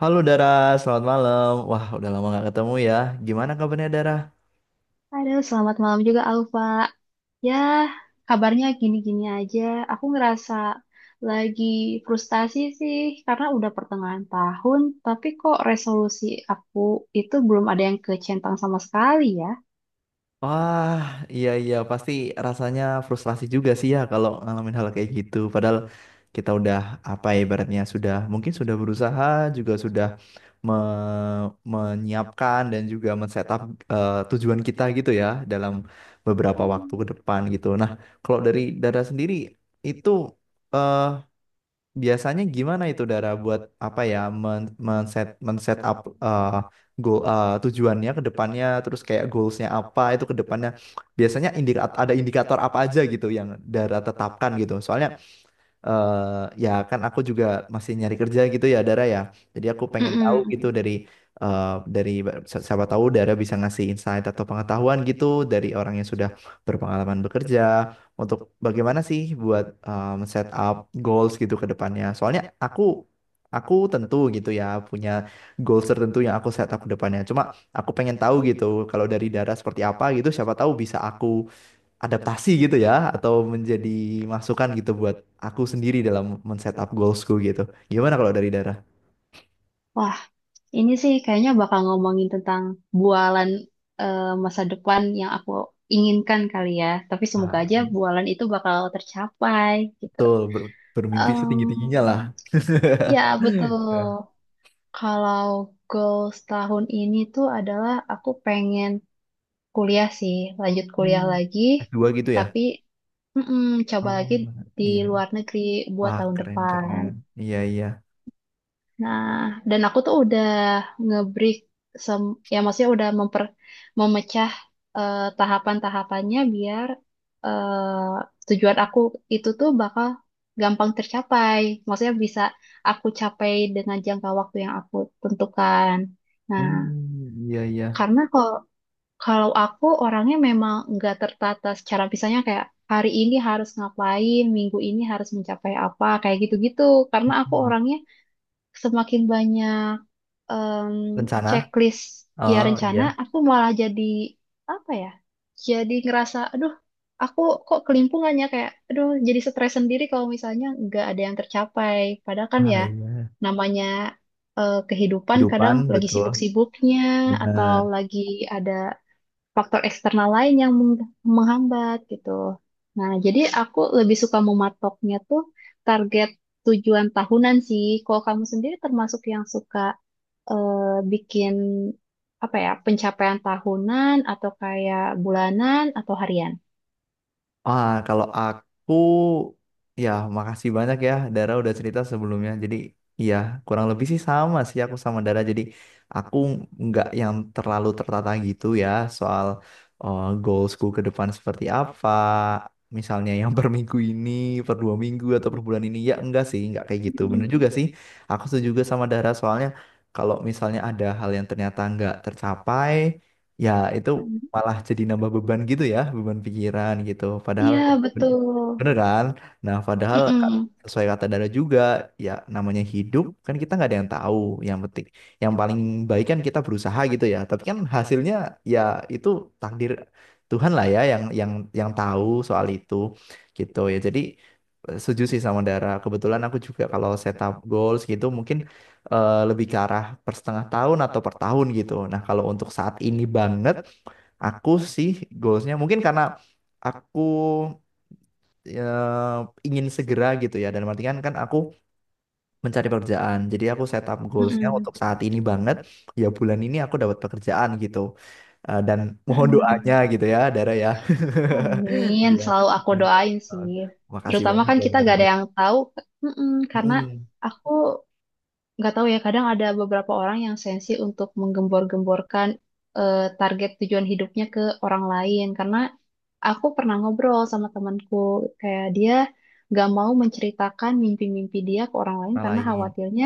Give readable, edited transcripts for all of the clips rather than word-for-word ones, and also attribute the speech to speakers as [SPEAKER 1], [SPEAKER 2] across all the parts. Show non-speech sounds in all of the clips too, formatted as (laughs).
[SPEAKER 1] Halo Dara, selamat malam. Wah, udah lama nggak ketemu ya. Gimana kabarnya, Dara?
[SPEAKER 2] Halo, selamat malam juga Alfa. Ya, kabarnya gini-gini aja. Aku ngerasa lagi frustasi sih karena udah pertengahan tahun, tapi kok resolusi aku itu belum ada yang kecentang sama sekali ya.
[SPEAKER 1] Wah, iya, iya, pasti rasanya frustrasi juga sih ya kalau ngalamin hal kayak gitu. Padahal kita udah apa ya, ibaratnya sudah mungkin sudah berusaha juga sudah me- menyiapkan dan juga men-setup tujuan kita gitu ya dalam beberapa waktu
[SPEAKER 2] Hmm.
[SPEAKER 1] ke depan gitu. Nah, kalau dari Dara sendiri itu, eh, biasanya gimana itu Dara buat apa ya, men-set up eh, goal tujuannya ke depannya, terus kayak goalsnya apa itu ke depannya, biasanya indikator, ada indikator apa aja gitu yang Dara tetapkan gitu. Soalnya eh ya kan aku juga masih nyari kerja gitu ya, Dara ya. Jadi aku pengen tahu
[SPEAKER 2] Mm-mm.
[SPEAKER 1] gitu eh, dari siapa tahu Dara bisa ngasih insight atau pengetahuan gitu dari orang yang sudah berpengalaman bekerja untuk bagaimana sih buat set up goals gitu ke depannya. Soalnya aku tentu gitu ya punya goals tertentu yang aku set up ke depannya. Cuma aku pengen tahu gitu kalau dari Dara seperti apa gitu, siapa tahu bisa aku adaptasi gitu ya atau menjadi masukan gitu buat aku sendiri dalam men-setup goalsku gitu. Gimana kalau dari Dara?
[SPEAKER 2] Wah, ini sih kayaknya bakal ngomongin tentang bualan eh, masa depan yang aku inginkan kali ya. Tapi semoga
[SPEAKER 1] Nah,
[SPEAKER 2] aja bualan itu bakal tercapai gitu.
[SPEAKER 1] betul, bermimpi
[SPEAKER 2] Em,
[SPEAKER 1] setinggi-tingginya lah. (laughs)
[SPEAKER 2] ya betul. Kalau goals tahun ini tuh adalah aku pengen kuliah sih, lanjut kuliah
[SPEAKER 1] Hmm.
[SPEAKER 2] lagi,
[SPEAKER 1] S2 gitu ya.
[SPEAKER 2] tapi, mm-mm, coba
[SPEAKER 1] Oh,
[SPEAKER 2] lagi di
[SPEAKER 1] iya.
[SPEAKER 2] luar negeri buat
[SPEAKER 1] Wah,
[SPEAKER 2] tahun
[SPEAKER 1] keren,
[SPEAKER 2] depan.
[SPEAKER 1] keren. Iya, iya.
[SPEAKER 2] Nah, dan aku tuh udah nge-break, ya maksudnya udah memecah tahapan-tahapannya biar tujuan aku itu tuh bakal gampang tercapai. Maksudnya bisa aku capai dengan jangka waktu yang aku tentukan. Nah,
[SPEAKER 1] Hmm, iya, iya.
[SPEAKER 2] karena kalau kalau aku orangnya memang nggak tertata secara misalnya kayak hari ini harus ngapain, minggu ini harus mencapai apa, kayak gitu-gitu. Karena aku
[SPEAKER 1] Hmm.
[SPEAKER 2] orangnya semakin banyak em,
[SPEAKER 1] Rencana?
[SPEAKER 2] checklist, ya
[SPEAKER 1] Oh,
[SPEAKER 2] rencana,
[SPEAKER 1] iya.
[SPEAKER 2] aku malah jadi apa ya? Jadi ngerasa, aduh, aku kok kelimpungannya kayak, aduh, jadi stres sendiri kalau misalnya nggak ada yang tercapai. Padahal kan
[SPEAKER 1] Ah,
[SPEAKER 2] ya
[SPEAKER 1] iya.
[SPEAKER 2] namanya kehidupan kadang
[SPEAKER 1] Kehidupan,
[SPEAKER 2] lagi
[SPEAKER 1] betul.
[SPEAKER 2] sibuk-sibuknya atau
[SPEAKER 1] Benar.
[SPEAKER 2] lagi ada faktor eksternal lain yang menghambat gitu. Nah, jadi aku lebih suka mematoknya tuh target tujuan tahunan sih. Kalau kamu sendiri termasuk yang suka eh, bikin apa ya, pencapaian tahunan atau kayak bulanan atau harian?
[SPEAKER 1] Ah, kalau aku ya makasih banyak ya Dara udah cerita sebelumnya. Jadi iya kurang lebih sih sama sih aku sama Dara. Jadi aku nggak yang terlalu tertata gitu ya soal goalsku ke depan seperti apa. Misalnya yang (laughs) per minggu ini, per dua minggu atau per bulan ini, ya enggak sih, enggak kayak gitu. Bener
[SPEAKER 2] Mm-mm,
[SPEAKER 1] juga sih. Aku setuju juga sama Dara soalnya kalau misalnya ada hal yang ternyata nggak tercapai, ya itu
[SPEAKER 2] mm-mm.
[SPEAKER 1] malah jadi nambah beban gitu ya, beban pikiran gitu. Padahal ya
[SPEAKER 2] Iya,
[SPEAKER 1] bener,
[SPEAKER 2] betul.
[SPEAKER 1] bener kan? Nah, padahal
[SPEAKER 2] Mm-mm,
[SPEAKER 1] sesuai kata Dara juga, ya namanya hidup kan kita nggak ada yang tahu. Yang penting, yang paling baik kan kita berusaha gitu ya. Tapi kan hasilnya ya itu takdir Tuhan lah ya yang yang tahu soal itu gitu ya. Jadi setuju sih sama Dara. Kebetulan aku juga kalau setup goals gitu mungkin lebih ke arah per setengah tahun atau per tahun gitu. Nah, kalau untuk saat ini banget, aku sih goalsnya mungkin karena aku ya, ingin segera gitu ya. Dan artian kan aku mencari pekerjaan. Jadi aku set up goalsnya
[SPEAKER 2] mm-mm,
[SPEAKER 1] untuk saat ini banget. Ya bulan ini aku dapat pekerjaan gitu. Dan mohon
[SPEAKER 2] mm-mm.
[SPEAKER 1] doanya gitu ya, Dara ya. (laughs)
[SPEAKER 2] Amin,
[SPEAKER 1] Iya.
[SPEAKER 2] selalu aku
[SPEAKER 1] Iya.
[SPEAKER 2] doain
[SPEAKER 1] Eh,
[SPEAKER 2] sih.
[SPEAKER 1] Makasih
[SPEAKER 2] Terutama
[SPEAKER 1] banyak
[SPEAKER 2] kan
[SPEAKER 1] loh,
[SPEAKER 2] kita
[SPEAKER 1] Dara
[SPEAKER 2] gak
[SPEAKER 1] ya.
[SPEAKER 2] ada yang tahu, mm-mm, karena
[SPEAKER 1] Mm.
[SPEAKER 2] aku nggak tahu ya. Kadang ada beberapa orang yang sensi untuk menggembor-gemborkan target tujuan hidupnya ke orang lain, karena aku pernah ngobrol sama temanku, kayak dia nggak mau menceritakan mimpi-mimpi dia ke orang lain
[SPEAKER 1] Orang
[SPEAKER 2] karena
[SPEAKER 1] lain.
[SPEAKER 2] khawatirnya,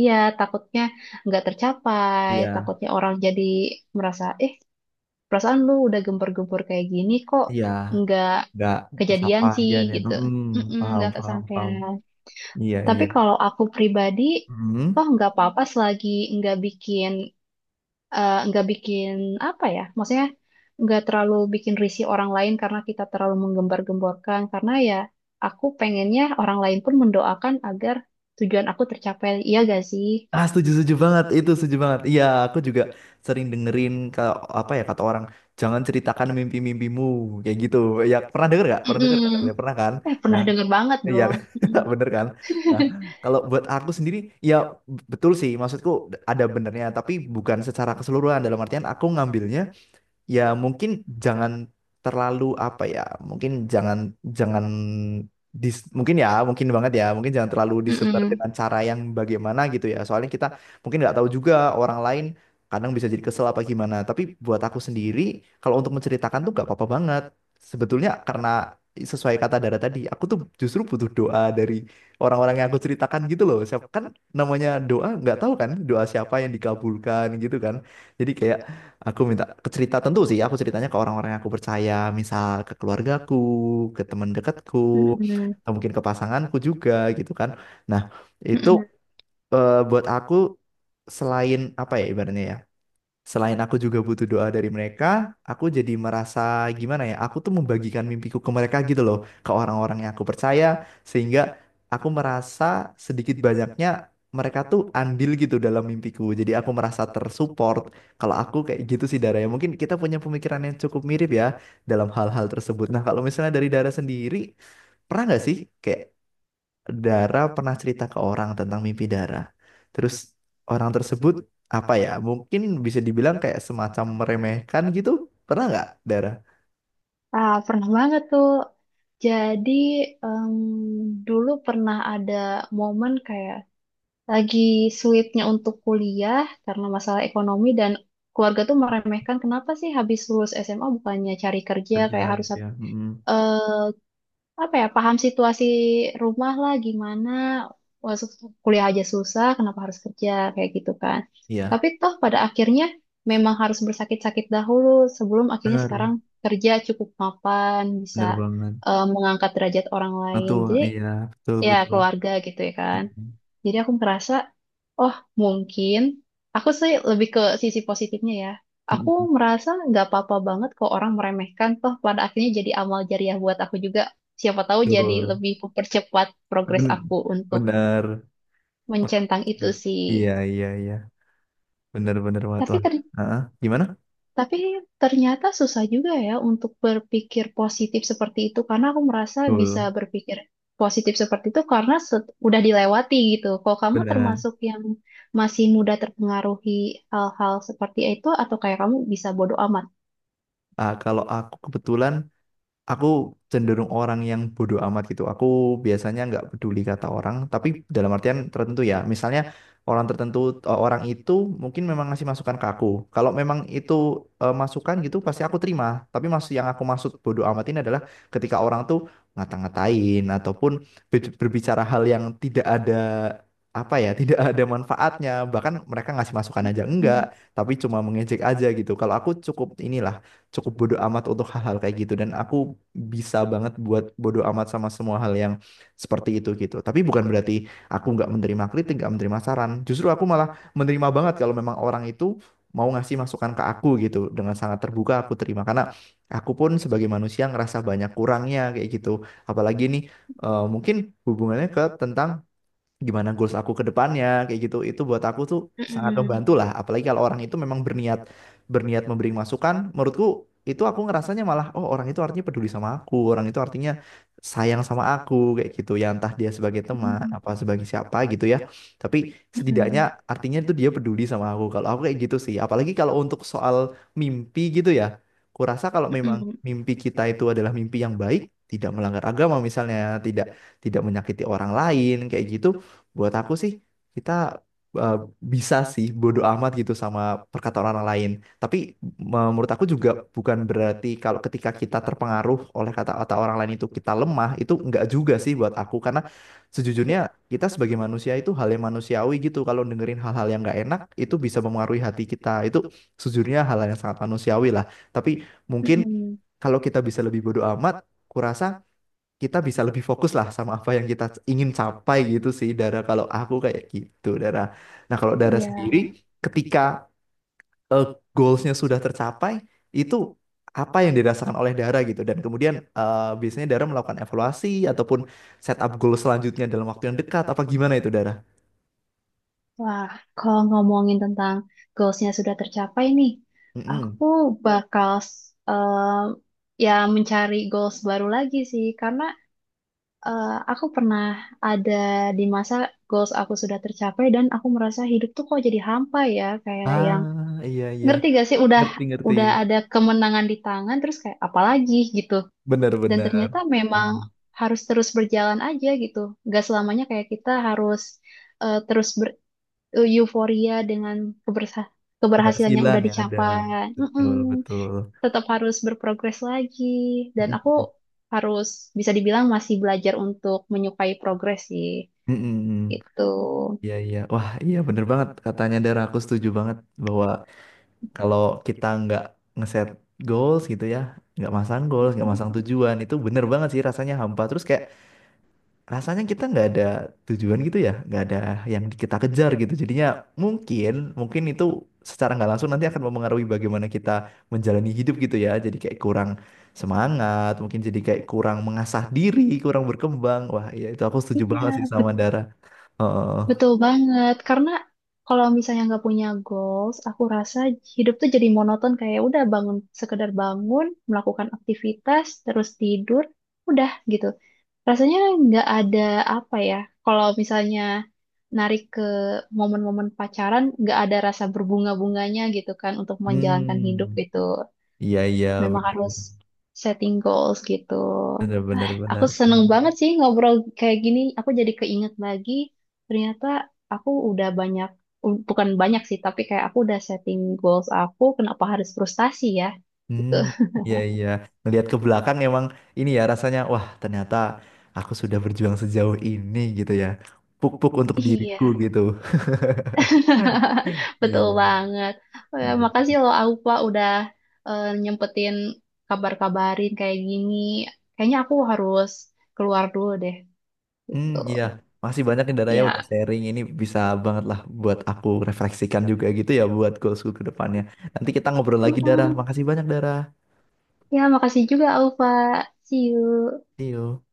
[SPEAKER 2] iya, takutnya nggak tercapai,
[SPEAKER 1] Iya,
[SPEAKER 2] takutnya orang jadi merasa, perasaan lu udah gembor-gembor kayak gini kok
[SPEAKER 1] iya.
[SPEAKER 2] nggak
[SPEAKER 1] Nggak
[SPEAKER 2] kejadian
[SPEAKER 1] tersampaikan
[SPEAKER 2] sih
[SPEAKER 1] aja nih.
[SPEAKER 2] gitu.
[SPEAKER 1] Mm.
[SPEAKER 2] Mm-mm,
[SPEAKER 1] Paham,
[SPEAKER 2] nggak
[SPEAKER 1] paham,
[SPEAKER 2] kesampaian.
[SPEAKER 1] paham. Iya,
[SPEAKER 2] Tapi
[SPEAKER 1] iya.
[SPEAKER 2] kalau aku pribadi,
[SPEAKER 1] Mm.
[SPEAKER 2] toh nggak apa-apa selagi nggak bikin nggak bikin apa ya, maksudnya nggak terlalu bikin risih orang lain karena kita terlalu menggembar-gemborkan. Karena ya aku pengennya orang lain pun mendoakan agar tujuan aku tercapai. Iya gak sih?
[SPEAKER 1] Ah, setuju, setuju banget. Itu setuju banget. Iya, aku juga sering dengerin kalau apa ya kata orang, jangan ceritakan mimpi-mimpimu kayak gitu. Ya, pernah denger nggak? Pernah denger nggak?
[SPEAKER 2] Mm-mm.
[SPEAKER 1] Ya, pernah kan?
[SPEAKER 2] Eh, pernah
[SPEAKER 1] Nah,
[SPEAKER 2] denger banget
[SPEAKER 1] iya
[SPEAKER 2] dong.
[SPEAKER 1] kan?
[SPEAKER 2] Mm-mm.
[SPEAKER 1] (laughs) Bener kan? Nah, kalau buat aku sendiri, ya betul sih. Maksudku ada benernya, tapi bukan secara keseluruhan. Dalam artian aku ngambilnya ya mungkin jangan terlalu apa ya, mungkin jangan jangan dis- mungkin, ya mungkin banget, ya mungkin jangan terlalu disebar
[SPEAKER 2] Mm-mm.
[SPEAKER 1] dengan cara yang bagaimana gitu ya, soalnya kita mungkin nggak tahu juga orang lain kadang bisa jadi kesel apa gimana, tapi buat aku sendiri kalau untuk menceritakan tuh nggak apa-apa banget sebetulnya karena sesuai kata Dara tadi aku tuh justru butuh doa dari orang-orang yang aku ceritakan gitu loh, siapa kan namanya doa nggak tahu kan doa siapa yang dikabulkan gitu kan, jadi kayak aku minta ke cerita tentu sih, aku ceritanya ke orang-orang yang aku percaya, misal ke keluargaku, ke teman dekatku,
[SPEAKER 2] Mm-mm.
[SPEAKER 1] atau mungkin ke pasanganku juga gitu kan. Nah, itu
[SPEAKER 2] Mm-mm.
[SPEAKER 1] buat aku selain apa ya ibaratnya ya? Selain aku juga butuh doa dari mereka, aku jadi merasa gimana ya, aku tuh membagikan mimpiku ke mereka gitu loh, ke orang-orang yang aku percaya, sehingga aku merasa sedikit banyaknya mereka tuh andil gitu dalam mimpiku. Jadi aku merasa tersupport. Kalau aku kayak gitu sih, Dara ya, mungkin kita punya pemikiran yang cukup mirip ya dalam hal-hal tersebut. Nah, kalau misalnya dari Dara sendiri, pernah nggak sih kayak Dara pernah cerita ke orang tentang mimpi Dara. Terus orang tersebut apa ya? Mungkin bisa dibilang kayak semacam meremehkan gitu. Pernah nggak, Dara?
[SPEAKER 2] Ah, pernah banget tuh. Jadi, em, dulu pernah ada momen kayak lagi sulitnya untuk kuliah karena masalah ekonomi, dan keluarga tuh meremehkan, kenapa sih habis lulus SMA bukannya cari kerja,
[SPEAKER 1] Kerja
[SPEAKER 2] kayak harus
[SPEAKER 1] gitu ya. Mm-mm.
[SPEAKER 2] eh, apa ya, paham situasi rumah lah, gimana masuk kuliah aja susah kenapa harus kerja kayak gitu kan.
[SPEAKER 1] Iya.
[SPEAKER 2] Tapi toh pada akhirnya memang harus bersakit-sakit dahulu sebelum akhirnya
[SPEAKER 1] Bener.
[SPEAKER 2] sekarang kerja cukup mapan, bisa
[SPEAKER 1] Bener banget.
[SPEAKER 2] mengangkat derajat orang lain,
[SPEAKER 1] Betul.
[SPEAKER 2] jadi
[SPEAKER 1] Iya. Betul,
[SPEAKER 2] ya
[SPEAKER 1] betul.
[SPEAKER 2] keluarga gitu ya kan.
[SPEAKER 1] Mm-mm.
[SPEAKER 2] Jadi aku merasa, oh mungkin, aku sih lebih ke sisi positifnya ya. Aku
[SPEAKER 1] Mm-mm.
[SPEAKER 2] merasa nggak apa-apa banget kok orang meremehkan, toh pada akhirnya jadi amal jariah buat aku juga. Siapa tahu jadi
[SPEAKER 1] Betul.
[SPEAKER 2] lebih mempercepat progres
[SPEAKER 1] Ben-
[SPEAKER 2] aku untuk
[SPEAKER 1] Bener. Betul.
[SPEAKER 2] mencentang itu sih.
[SPEAKER 1] Iya, iya, iya. Bener, bener banget.
[SPEAKER 2] Tapi
[SPEAKER 1] Wah.
[SPEAKER 2] ter
[SPEAKER 1] Ah, gimana?
[SPEAKER 2] Tapi ternyata susah juga ya untuk berpikir positif seperti itu, karena aku merasa bisa
[SPEAKER 1] Betul.
[SPEAKER 2] berpikir positif seperti itu karena udah dilewati gitu. Kalau kamu
[SPEAKER 1] Benar.
[SPEAKER 2] termasuk yang masih mudah terpengaruhi hal-hal seperti itu atau kayak kamu bisa bodo amat?
[SPEAKER 1] Ah, kalau aku kebetulan aku cenderung orang yang bodoh amat gitu. Aku biasanya nggak peduli kata orang, tapi dalam artian tertentu ya. Misalnya orang tertentu, orang itu mungkin memang ngasih masukan ke aku. Kalau memang itu masukan gitu, pasti aku terima. Tapi maksud yang aku maksud bodoh amat ini adalah ketika orang tuh ngata-ngatain ataupun berbicara hal yang tidak ada apa ya, tidak ada manfaatnya. Bahkan mereka ngasih masukan aja enggak,
[SPEAKER 2] Hmm.
[SPEAKER 1] tapi cuma mengejek aja gitu. Kalau aku cukup inilah, cukup bodo amat untuk hal-hal kayak gitu dan aku bisa banget buat bodo amat sama semua hal yang seperti itu gitu. Tapi bukan berarti aku nggak menerima kritik, nggak menerima saran. Justru aku malah menerima banget kalau memang orang itu mau ngasih masukan ke aku gitu, dengan sangat terbuka aku terima karena aku pun sebagai manusia ngerasa banyak kurangnya kayak gitu. Apalagi nih mungkin hubungannya ke tentang gimana goals aku ke depannya kayak gitu, itu buat aku tuh sangat
[SPEAKER 2] Mm-mm.
[SPEAKER 1] membantu lah, apalagi kalau orang itu memang berniat, berniat memberi masukan menurutku, itu aku ngerasanya malah oh orang itu artinya peduli sama aku, orang itu artinya sayang sama aku kayak gitu ya, entah dia sebagai teman
[SPEAKER 2] Mm-mm.
[SPEAKER 1] apa sebagai siapa gitu ya, tapi setidaknya
[SPEAKER 2] Mm-mm.
[SPEAKER 1] artinya itu dia peduli sama aku, kalau aku kayak gitu sih. Apalagi kalau untuk soal mimpi gitu ya, kurasa kalau memang
[SPEAKER 2] Mm-mm.
[SPEAKER 1] mimpi kita itu adalah mimpi yang baik, tidak melanggar agama misalnya, tidak, tidak menyakiti orang lain kayak gitu, buat aku sih kita uh, bisa sih bodo amat gitu sama perkataan orang lain. Tapi menurut aku juga, bukan berarti kalau ketika kita terpengaruh oleh kata-kata orang lain itu kita lemah, itu enggak juga sih buat aku karena sejujurnya
[SPEAKER 2] Iya.
[SPEAKER 1] kita sebagai manusia itu hal yang manusiawi gitu. Kalau dengerin hal-hal yang enggak enak itu bisa mempengaruhi hati kita. Itu sejujurnya hal yang sangat manusiawi lah. Tapi mungkin
[SPEAKER 2] Mm-mm.
[SPEAKER 1] kalau kita bisa lebih bodo amat, kurasa kita bisa lebih fokus lah sama apa yang kita ingin capai gitu sih, Dara, kalau aku kayak gitu, Dara. Nah, kalau Dara sendiri
[SPEAKER 2] Iya.
[SPEAKER 1] ketika eh, goalsnya sudah tercapai, itu apa yang dirasakan oleh Dara gitu, dan kemudian biasanya Dara melakukan evaluasi ataupun set up goal selanjutnya dalam waktu yang dekat apa gimana itu, Dara?
[SPEAKER 2] Wah, kalau ngomongin tentang goalsnya sudah tercapai nih,
[SPEAKER 1] Mm-mm.
[SPEAKER 2] aku bakal ya mencari goals baru lagi sih, karena aku pernah ada di masa goals aku sudah tercapai dan aku merasa hidup tuh kok jadi hampa ya, kayak yang
[SPEAKER 1] Ah, iya, iya.
[SPEAKER 2] ngerti gak sih, udah
[SPEAKER 1] Ngerti, ngerti.
[SPEAKER 2] udah ada kemenangan di tangan, terus kayak apalagi gitu. Dan
[SPEAKER 1] Benar-benar.
[SPEAKER 2] ternyata memang
[SPEAKER 1] Paham.
[SPEAKER 2] harus terus berjalan aja gitu, gak selamanya kayak kita harus terus euforia dengan kebersa keberhasilan yang
[SPEAKER 1] Keberhasilan
[SPEAKER 2] udah
[SPEAKER 1] ya ada.
[SPEAKER 2] dicapai.
[SPEAKER 1] Betul,
[SPEAKER 2] Mm-mm.
[SPEAKER 1] betul.
[SPEAKER 2] Tetap harus berprogres lagi. Dan aku
[SPEAKER 1] Mm-mm.
[SPEAKER 2] harus bisa dibilang masih belajar untuk menyukai progres sih.
[SPEAKER 1] Mm-mm.
[SPEAKER 2] Gitu.
[SPEAKER 1] Iya, iya. Wah, iya bener banget. Katanya Dara, aku setuju banget bahwa kalau kita nggak ngeset goals gitu ya, nggak masang goals, nggak
[SPEAKER 2] Mm-mm.
[SPEAKER 1] masang tujuan, itu bener banget sih rasanya hampa. Terus kayak rasanya kita nggak ada tujuan gitu ya, nggak ada yang kita kejar gitu. Jadinya mungkin, mungkin itu secara nggak langsung nanti akan mempengaruhi bagaimana kita menjalani hidup gitu ya. Jadi kayak kurang semangat, mungkin jadi kayak kurang mengasah diri, kurang berkembang. Wah, iya itu aku setuju banget sih
[SPEAKER 2] Iya,
[SPEAKER 1] sama
[SPEAKER 2] bet-
[SPEAKER 1] Dara. Heeh.
[SPEAKER 2] betul banget. Karena kalau misalnya nggak punya goals, aku rasa hidup tuh jadi monoton, kayak udah bangun, sekedar bangun, melakukan aktivitas, terus tidur, udah gitu. Rasanya nggak ada apa ya, kalau misalnya narik ke momen-momen pacaran, nggak ada rasa berbunga-bunganya gitu kan untuk menjalankan hidup
[SPEAKER 1] Hmm.
[SPEAKER 2] gitu.
[SPEAKER 1] Iya, iya,
[SPEAKER 2] Memang harus setting goals gitu.
[SPEAKER 1] benar, benar,
[SPEAKER 2] Aku
[SPEAKER 1] benar.
[SPEAKER 2] seneng banget sih ngobrol kayak gini. Aku jadi keinget lagi, ternyata aku udah banyak, bukan banyak sih, tapi kayak aku udah setting goals aku, kenapa harus frustasi ya
[SPEAKER 1] Hmm,
[SPEAKER 2] gitu.
[SPEAKER 1] iya, iya. Melihat ke belakang emang ini ya rasanya wah ternyata aku sudah berjuang sejauh ini gitu ya. Puk-puk untuk diriku
[SPEAKER 2] Iya.
[SPEAKER 1] gitu.
[SPEAKER 2] (laughs) Betul
[SPEAKER 1] Iya.
[SPEAKER 2] banget. Oh ya,
[SPEAKER 1] Bener.
[SPEAKER 2] makasih loh Aupa udah nyempetin kabar-kabarin kayak gini. Kayaknya aku harus keluar dulu deh.
[SPEAKER 1] Hmm,
[SPEAKER 2] Tuh.
[SPEAKER 1] iya. Masih banyak nih Daraya udah
[SPEAKER 2] Ya.
[SPEAKER 1] sharing, ini bisa banget lah buat aku refleksikan juga gitu ya buat goalsku ke depannya. Nanti kita ngobrol lagi, Dara.
[SPEAKER 2] Mm-mm.
[SPEAKER 1] Makasih banyak, Dara.
[SPEAKER 2] Ya, makasih juga Aupa. See you.
[SPEAKER 1] See you.